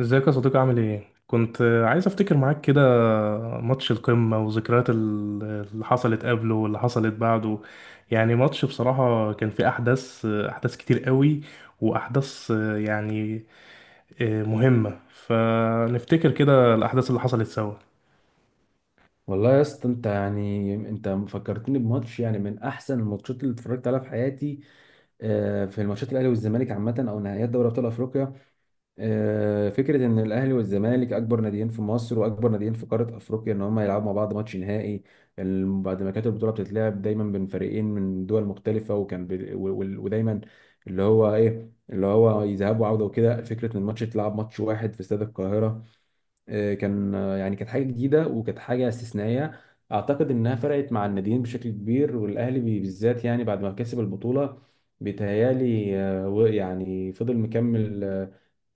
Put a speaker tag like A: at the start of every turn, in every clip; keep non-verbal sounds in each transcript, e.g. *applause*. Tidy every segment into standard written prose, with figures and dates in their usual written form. A: ازيك يا صديقي؟ عامل ايه؟ كنت عايز افتكر معاك كده ماتش القمة وذكريات اللي حصلت قبله واللي حصلت بعده. يعني ماتش بصراحة كان فيه احداث كتير قوي، واحداث، يعني مهمة، فنفتكر كده الاحداث اللي حصلت سوا.
B: والله يا اسطى، انت فكرتني بماتش، يعني من احسن الماتشات اللي اتفرجت عليها في حياتي. في الماتشات الاهلي والزمالك عامه، او نهائيات دوري ابطال افريقيا. فكره ان الاهلي والزمالك اكبر ناديين في مصر واكبر ناديين في قاره افريقيا، ان هم يلعبوا مع بعض ماتش نهائي، بعد ما كانت البطوله بتتلعب دايما بين فريقين من دول مختلفه. وكان بي- و- و- ودايما اللي هو ايه، اللي هو يذهب وعوده وكده. فكره ان الماتش يتلعب ماتش واحد في استاد القاهره، آه، كان آه، يعني كانت حاجه جديده وكانت حاجه استثنائيه. اعتقد انها فرقت مع الناديين بشكل كبير، والاهلي بالذات، يعني بعد ما كسب البطوله. بيتهيالي يعني فضل مكمل آه،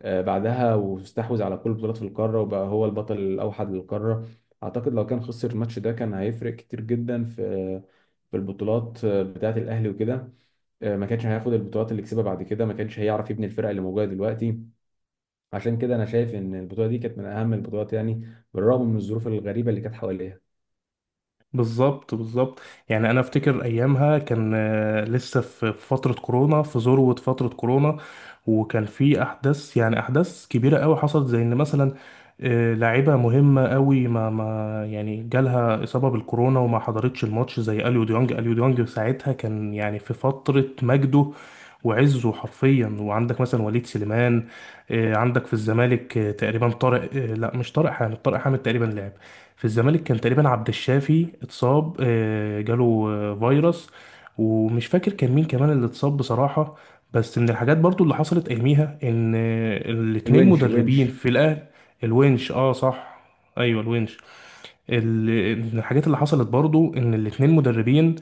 B: آه، بعدها، واستحوذ على كل البطولات في القاره، وبقى هو البطل الاوحد للقاره. اعتقد لو كان خسر الماتش ده كان هيفرق كتير جدا في في البطولات بتاعه الاهلي وكده. ما كانش هياخد البطولات اللي كسبها بعد كده، ما كانش هيعرف يبني الفرقه اللي موجوده دلوقتي. عشان كده انا شايف ان البطوله دي كانت من اهم البطولات، يعني بالرغم من الظروف الغريبه اللي كانت حواليها.
A: بالظبط بالظبط. يعني انا افتكر ايامها كان لسه في فتره كورونا، في ذروه فتره كورونا، وكان في احداث، يعني احداث كبيره قوي حصلت، زي ان مثلا لاعيبه مهمه قوي ما يعني جالها اصابه بالكورونا وما حضرتش الماتش، زي اليو ديونج ساعتها كان يعني في فتره مجده وعزه حرفيا. وعندك مثلا وليد سليمان، عندك في الزمالك تقريبا طارق، لا مش طارق حامد، طارق حامد تقريبا لعب في الزمالك. كان تقريبا عبد الشافي اتصاب، جاله فيروس، ومش فاكر كان مين كمان اللي اتصاب بصراحة. بس من الحاجات برضو اللي حصلت اياميها ان الاتنين
B: الونش
A: مدربين
B: الونش.
A: في الاهلي. الونش، اه صح. ايوه الونش. الحاجات اللي حصلت برضو ان الاتنين مدربين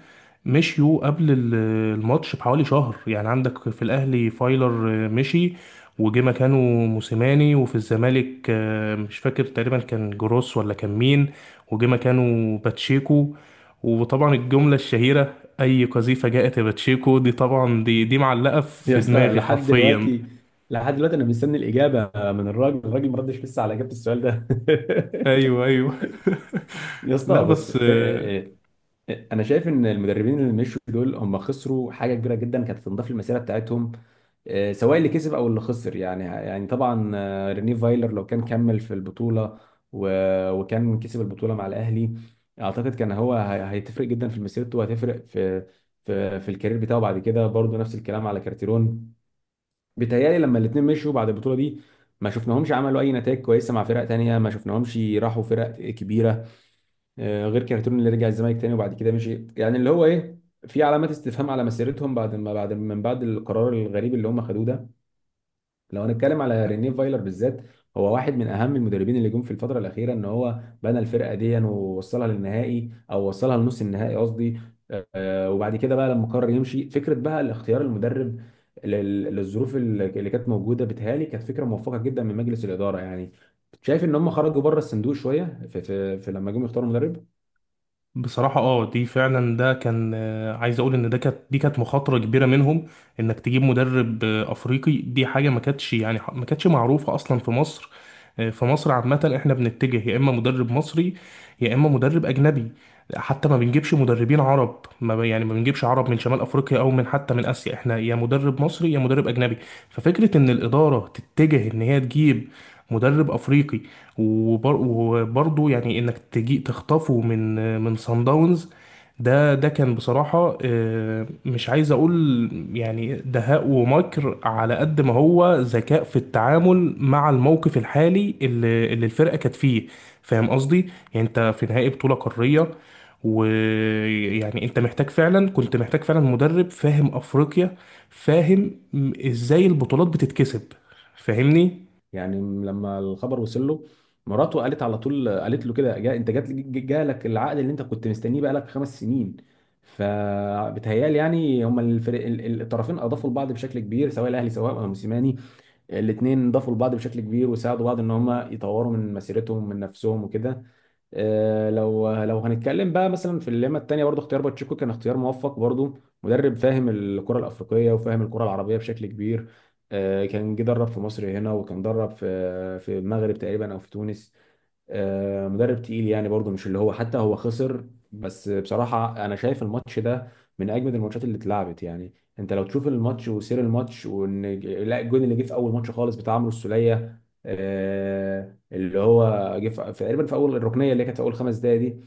A: مشيوا قبل الماتش بحوالي شهر. يعني عندك في الاهلي فايلر مشي وجه مكانه موسيماني، وفي الزمالك مش فاكر، تقريبا كان جروس ولا كان مين، وجه مكانه باتشيكو. وطبعا الجملة الشهيرة، اي قذيفة جاءت يا باتشيكو، دي طبعا دي معلقة
B: *laughs* يا
A: في
B: اسطى،
A: دماغي
B: لحد
A: حرفيا.
B: دلوقتي، لحد دلوقتي انا مستني الاجابه من الراجل، ما ردش لسه على اجابه السؤال ده.
A: ايوه ايوه *laughs*
B: *laughs* يا
A: لا
B: اسطى، بص
A: بس
B: انا شايف ان المدربين اللي مشوا دول هم خسروا حاجه كبيره جدا كانت تنضاف للمسيره بتاعتهم، سواء اللي كسب او اللي خسر. يعني طبعا رينيه فايلر لو كان كمل في البطوله وكان كسب البطوله مع الاهلي، اعتقد كان هيتفرق جدا في مسيرته، وهتفرق في في الكارير بتاعه بعد كده. برضه نفس الكلام على كارتيرون، بيتهيألي لما الاثنين مشوا بعد البطوله دي ما شفناهمش عملوا اي نتائج كويسه مع فرق تانية، ما شفناهمش راحوا فرق كبيره، غير كارتون اللي رجع الزمالك تاني وبعد كده مشي. يعني اللي هو ايه، في علامات استفهام على مسيرتهم بعد ما بعد من بعد القرار الغريب اللي هم خدوه ده. لو هنتكلم على رينيه فايلر بالذات، هو واحد من اهم المدربين اللي جم في الفتره الاخيره، ان هو بنى الفرقه دي ووصلها للنهائي، او وصلها لنص النهائي قصدي. وبعد كده بقى لما قرر يمشي، فكره بقى الاختيار المدرب للظروف اللي كانت موجوده، بتهيألي كانت فكره موفقه جدا من مجلس الاداره. يعني شايف ان هم خرجوا بره الصندوق شويه في لما جم يختاروا مدرب.
A: بصراحة اه، دي فعلا ده كان عايز اقول ان ده كانت دي كانت مخاطرة كبيرة منهم. انك تجيب مدرب افريقي، دي حاجة ما كانتش معروفة اصلا في مصر. في مصر عامة احنا بنتجه يا اما مدرب مصري يا اما مدرب اجنبي. حتى ما بنجيبش مدربين عرب، ما ب- يعني ما بنجيبش عرب من شمال افريقيا او من، حتى من اسيا. احنا يا مدرب مصري يا مدرب اجنبي. ففكرة ان الادارة تتجه ان هي تجيب مدرب افريقي، وبرضه يعني انك تجي تخطفه من صن داونز، ده كان بصراحة، مش عايز اقول يعني دهاء ومكر، على قد ما هو ذكاء في التعامل مع الموقف الحالي اللي الفرقة كانت فيه. فاهم قصدي؟ يعني انت في نهائي بطولة قارية، ويعني انت محتاج فعلا، كنت محتاج فعلا مدرب فاهم افريقيا، فاهم ازاي البطولات بتتكسب. فاهمني؟
B: يعني لما الخبر وصل له، مراته قالت على طول، قالت له كده: جا، انت جات، جالك العقد اللي انت كنت مستنيه بقالك 5 سنين. فبتهيالي يعني هما الفريق الطرفين اضافوا لبعض بشكل كبير، سواء الاهلي سواء موسيماني. الاتنين ضافوا لبعض بشكل كبير وساعدوا بعض ان هم يطوروا من مسيرتهم من نفسهم وكده. لو هنتكلم بقى مثلا في الليمة التانية، برضو اختيار باتشيكو كان اختيار موفق برضو، مدرب فاهم الكرة الأفريقية وفاهم الكرة العربية بشكل كبير. كان جه درب في مصر هنا، وكان درب في في المغرب تقريبا أو في تونس. مدرب تقيل، يعني برضه مش اللي هو، حتى هو خسر. بس بصراحة أنا شايف الماتش ده من أجمد الماتشات اللي اتلعبت، يعني أنت لو تشوف الماتش وسير الماتش، وإن لا الجون اللي جه في أول ماتش خالص بتاع عمرو السولية، اللي هو جه في تقريبا في أول الركنية اللي كانت في أول 5 دقايق دي.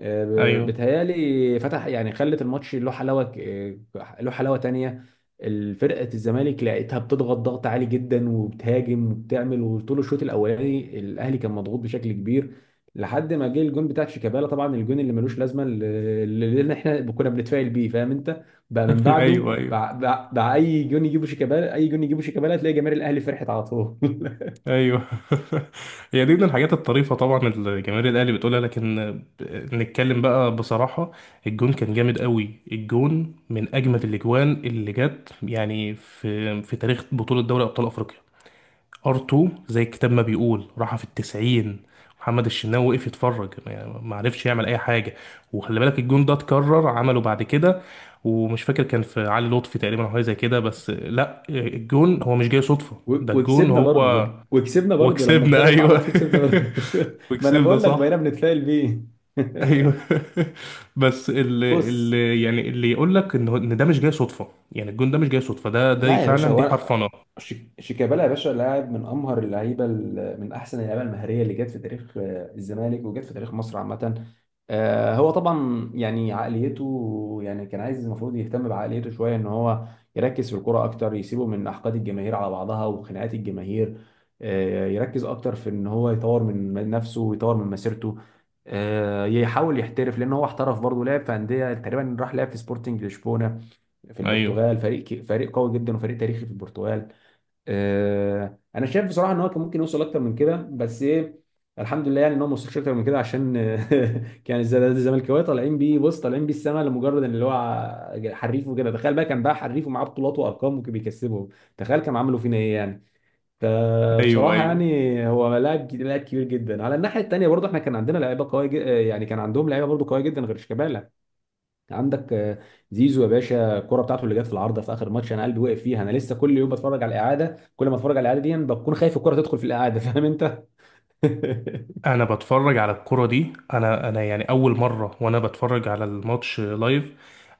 B: آه،
A: ايوه
B: بتهيالي فتح، يعني خلت الماتش له حلاوة، له حلاوة تانية. الفرقة الزمالك لقيتها بتضغط ضغط عالي جدا وبتهاجم وبتعمل، وطول الشوط الاولاني الاهلي كان مضغوط بشكل كبير، لحد ما جه الجون بتاع شيكابالا. طبعا الجون اللي ملوش لازمه، اللي احنا كنا بنتفائل بيه، فاهم انت، بقى من
A: *laughs*
B: بعده
A: ايوه ايوه
B: بقى اي جون يجيبه شيكابالا، اي جون يجيبه شيكابالا، تلاقي جماهير الاهلي فرحت على طول. *laughs*
A: ايوه *laughs* هي دي من الحاجات الطريفه طبعا اللي جماهير الاهلي بتقولها، لكن نتكلم بقى بصراحه، الجون كان جامد قوي، الجون من اجمد الاجوان اللي جت يعني في في تاريخ بطوله دوري ابطال افريقيا. ار2 زي الكتاب ما بيقول، راحه في التسعين. محمد الشناوي وقف يتفرج، يعني ما عرفش يعمل اي حاجه. وخلي بالك الجون ده اتكرر عمله بعد كده، ومش فاكر كان في علي لطفي تقريبا او حاجه زي كده، بس لا، الجون هو مش جاي صدفه، ده الجون هو.
B: وكسبنا برضه لما
A: وكسبنا،
B: كرر
A: ايوه
B: فعلت كسبنا برضه.
A: *laughs*
B: *laughs* ما انا
A: وكسبنا،
B: بقول لك بقينا
A: صح.
B: بنتفائل بيه. *laughs*
A: ايوه *laughs* بس اللي,
B: بص،
A: اللي يعني اللي يقول لك ان ده مش جاي صدفه، يعني الجون ده مش جاي صدفه، ده
B: لا يا باشا،
A: فعلا دي حرفنه.
B: شيكابالا يا باشا لاعب من امهر اللعيبه، من احسن اللعيبه المهريه اللي جت في تاريخ الزمالك وجت في تاريخ مصر عامه. هو طبعا يعني عقليته، يعني كان عايز المفروض يهتم بعقليته شويه، ان هو يركز في الكرة اكتر، يسيبه من احقاد الجماهير على بعضها وخناقات الجماهير. يركز اكتر في ان هو يطور من نفسه ويطور من مسيرته، يحاول يحترف، لان هو احترف برضه، لعب في انديه تقريبا، راح لعب في سبورتنج لشبونه في
A: ايوه
B: البرتغال، فريق قوي جدا وفريق تاريخي في البرتغال. انا شايف بصراحه ان هو كان ممكن يوصل اكتر من كده، بس ايه، الحمد لله يعني ان هو ما وصلش اكتر من كده، عشان *laughs* كان الزملكاويه طالعين بيه، بص طالعين بيه السما لمجرد ان اللي هو حريف وكده. تخيل بقى كان بقى حريف ومعاه بطولات وارقام وكان بيكسبهم، تخيل كانوا عملوا فينا ايه يعني.
A: ايوه.
B: فبصراحه
A: ايوه،
B: يعني هو لاعب كبير جدا. على الناحيه الثانيه برضه احنا كان عندنا لعيبه قويه يعني كان عندهم لعيبه برضه قويه جدا غير شيكابالا. عندك زيزو يا باشا، الكرة بتاعته اللي جت في العارضة في آخر ماتش، أنا قلبي وقف فيها. أنا لسه كل يوم بتفرج على الإعادة، كل ما أتفرج على الإعادة دي بكون خايف الكرة تدخل في الإعادة، فاهم أنت؟ *laughs*
A: انا بتفرج على الكرة دي، انا يعني اول مرة وانا بتفرج على الماتش لايف،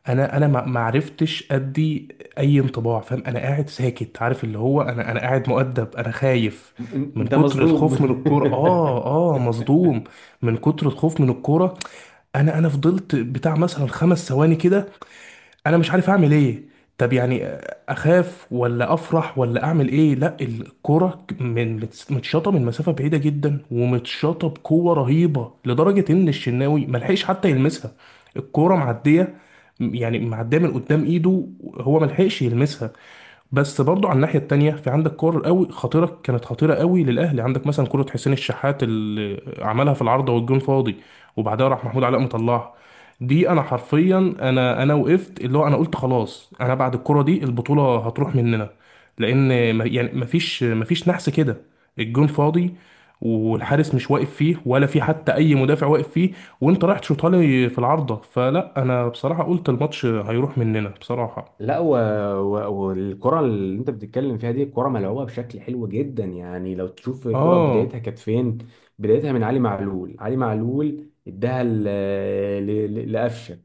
A: انا ما عرفتش ادي اي انطباع. فاهم؟ انا قاعد ساكت، عارف اللي هو، انا قاعد مؤدب، انا خايف
B: أن-
A: من
B: أنت
A: كتر
B: مصدوم.
A: الخوف من الكورة.
B: *laughs*
A: اه. اه، مصدوم من كتر الخوف من الكورة. انا فضلت بتاع مثلا 5 ثواني كده، انا مش عارف اعمل ايه. طب يعني اخاف ولا افرح ولا اعمل ايه؟ لا الكرة من متشاطة من مسافة بعيدة جدا، ومتشاطة بقوة رهيبة، لدرجة ان الشناوي ملحقش حتى يلمسها. الكرة معدية، يعني معدية من قدام ايده، هو ملحقش يلمسها. بس برضو على الناحية التانية في عندك كور قوي خطيرة، كانت خطيرة قوي للأهلي. عندك مثلا كرة حسين الشحات اللي عملها في العارضة والجون فاضي، وبعدها راح محمود علاء مطلعها. دي أنا حرفيا، أنا وقفت اللي هو، أنا قلت خلاص، أنا بعد الكرة دي البطولة هتروح مننا. لأن يعني مفيش نحس كده، الجون فاضي، والحارس مش واقف فيه، ولا في حتى أي مدافع واقف فيه، وأنت رايح تشوطها لي في العارضة. فلا، أنا بصراحة قلت الماتش هيروح مننا بصراحة.
B: لا و... و... والكرة اللي أنت بتتكلم فيها دي، الكرة ملعوبة بشكل حلو جدا. يعني لو تشوف الكرة،
A: آه.
B: بدايتها كانت فين؟ بدايتها من علي معلول. علي معلول اداها ل... لقفشة.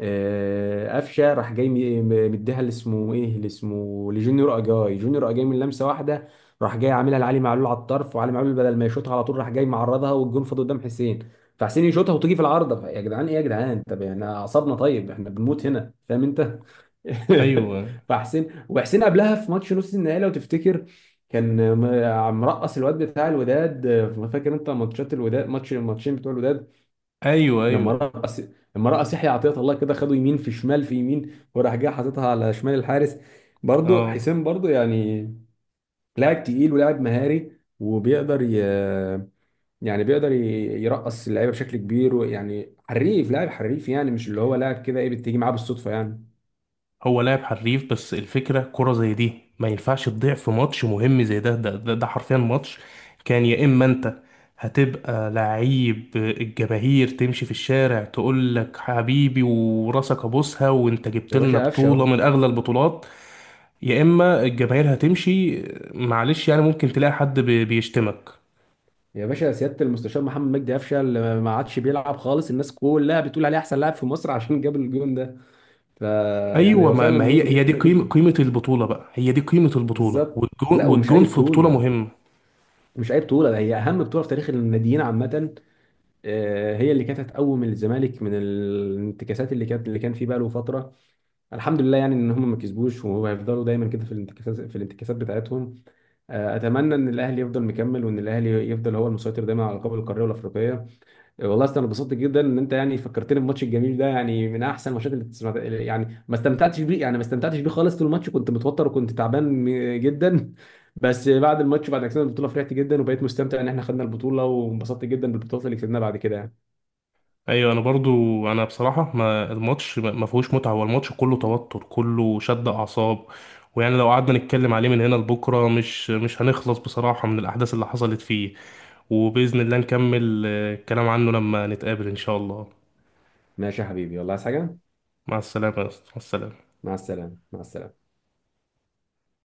B: قفشه راح جاي مديها اللي اسمه ايه، اللي اسمه لجونيور اجاي، جونيور اجاي من لمسه واحده راح جاي عاملها لعلي معلول على الطرف، وعلي معلول بدل ما يشوطها على طول راح جاي معرضها والجون فاضي قدام حسين، فحسين يشوطها وتيجي في العارضه. يا جدعان ايه يا جدعان، طب يعني احنا اعصابنا طيب، احنا بنموت هنا، فاهم انت. *laughs*
A: ايوه
B: فحسين، وحسين قبلها في ماتش نص النهائي لو تفتكر كان مرقص الواد بتاع الوداد. فاكر انت ماتشات الوداد، ماتش الماتشين بتوع الوداد،
A: ايوه
B: لما
A: ايوه.
B: رقص، لما رقص يحيى عطية الله كده، خده يمين في شمال في يمين، وراح جاي حاططها على شمال الحارس. برضو
A: اه،
B: حسين برضو يعني لاعب تقيل ولاعب مهاري، وبيقدر ي... يعني بيقدر يرقص اللعيبه بشكل كبير، ويعني حريف، لاعب حريف، يعني مش اللي هو لاعب كده ايه بتيجي معاه بالصدفه يعني.
A: هو لاعب حريف، بس الفكره كره زي دي ما ينفعش تضيع في ماتش مهم زي ده, حرفيا ماتش كان يا اما انت هتبقى لعيب الجماهير تمشي في الشارع تقول لك حبيبي وراسك ابوسها، وانت جبت
B: يا
A: لنا
B: باشا قفشه اهو،
A: بطوله من اغلى البطولات، يا اما الجماهير هتمشي، معلش يعني ممكن تلاقي حد بيشتمك.
B: يا باشا سياده المستشار محمد مجدي قفشه اللي ما عادش بيلعب خالص، الناس كلها بتقول عليه احسن لاعب في مصر عشان جاب الجون ده. فيعني
A: ايوه،
B: هو
A: ما
B: فعلا
A: ما هي
B: النقطه دي
A: هي دي
B: مهمه
A: قيمه
B: جدا.
A: قيمه البطوله بقى، هي دي قيمه البطوله،
B: بالظبط،
A: والجون
B: لا ومش
A: والجون
B: اي
A: في بطوله
B: بطوله،
A: مهمه.
B: مش اي بطوله، هي اهم بطوله في تاريخ الناديين عامه. هي اللي كانت هتقوم الزمالك من الانتكاسات اللي كان فيه بقى له فتره. الحمد لله يعني ان هم ما كسبوش، وهيفضلوا دايما كده في الانتكاسات، في الانتكاسات بتاعتهم. اتمنى ان الاهلي يفضل مكمل، وان الاهلي يفضل هو المسيطر دايما على القاب القاريه والافريقيه. والله أصل انا اتبسطت جدا ان انت يعني فكرتني بالماتش الجميل ده، يعني من احسن الماتشات اللي تسمع. يعني ما استمتعتش بيه، يعني ما استمتعتش بيه خالص، طول الماتش كنت متوتر وكنت تعبان جدا. *laughs* بس بعد الماتش، بعد ما كسبنا البطوله، فرحت جدا وبقيت مستمتع ان احنا خدنا البطوله، وانبسطت جدا بالبطولات اللي كسبناها بعد كده يعني.
A: ايوه انا برضو، انا بصراحه ما الماتش ما فيهوش متعه، هو الماتش كله توتر، كله شد اعصاب. ويعني لو قعدنا نتكلم عليه من هنا لبكره مش هنخلص بصراحه من الاحداث اللي حصلت فيه. وباذن الله نكمل الكلام عنه لما نتقابل ان شاء الله.
B: ماشي يا حبيبي، والله عايز حاجه؟
A: مع السلامه يا أسطى. مع السلامه.
B: مع السلامه، مع السلامه.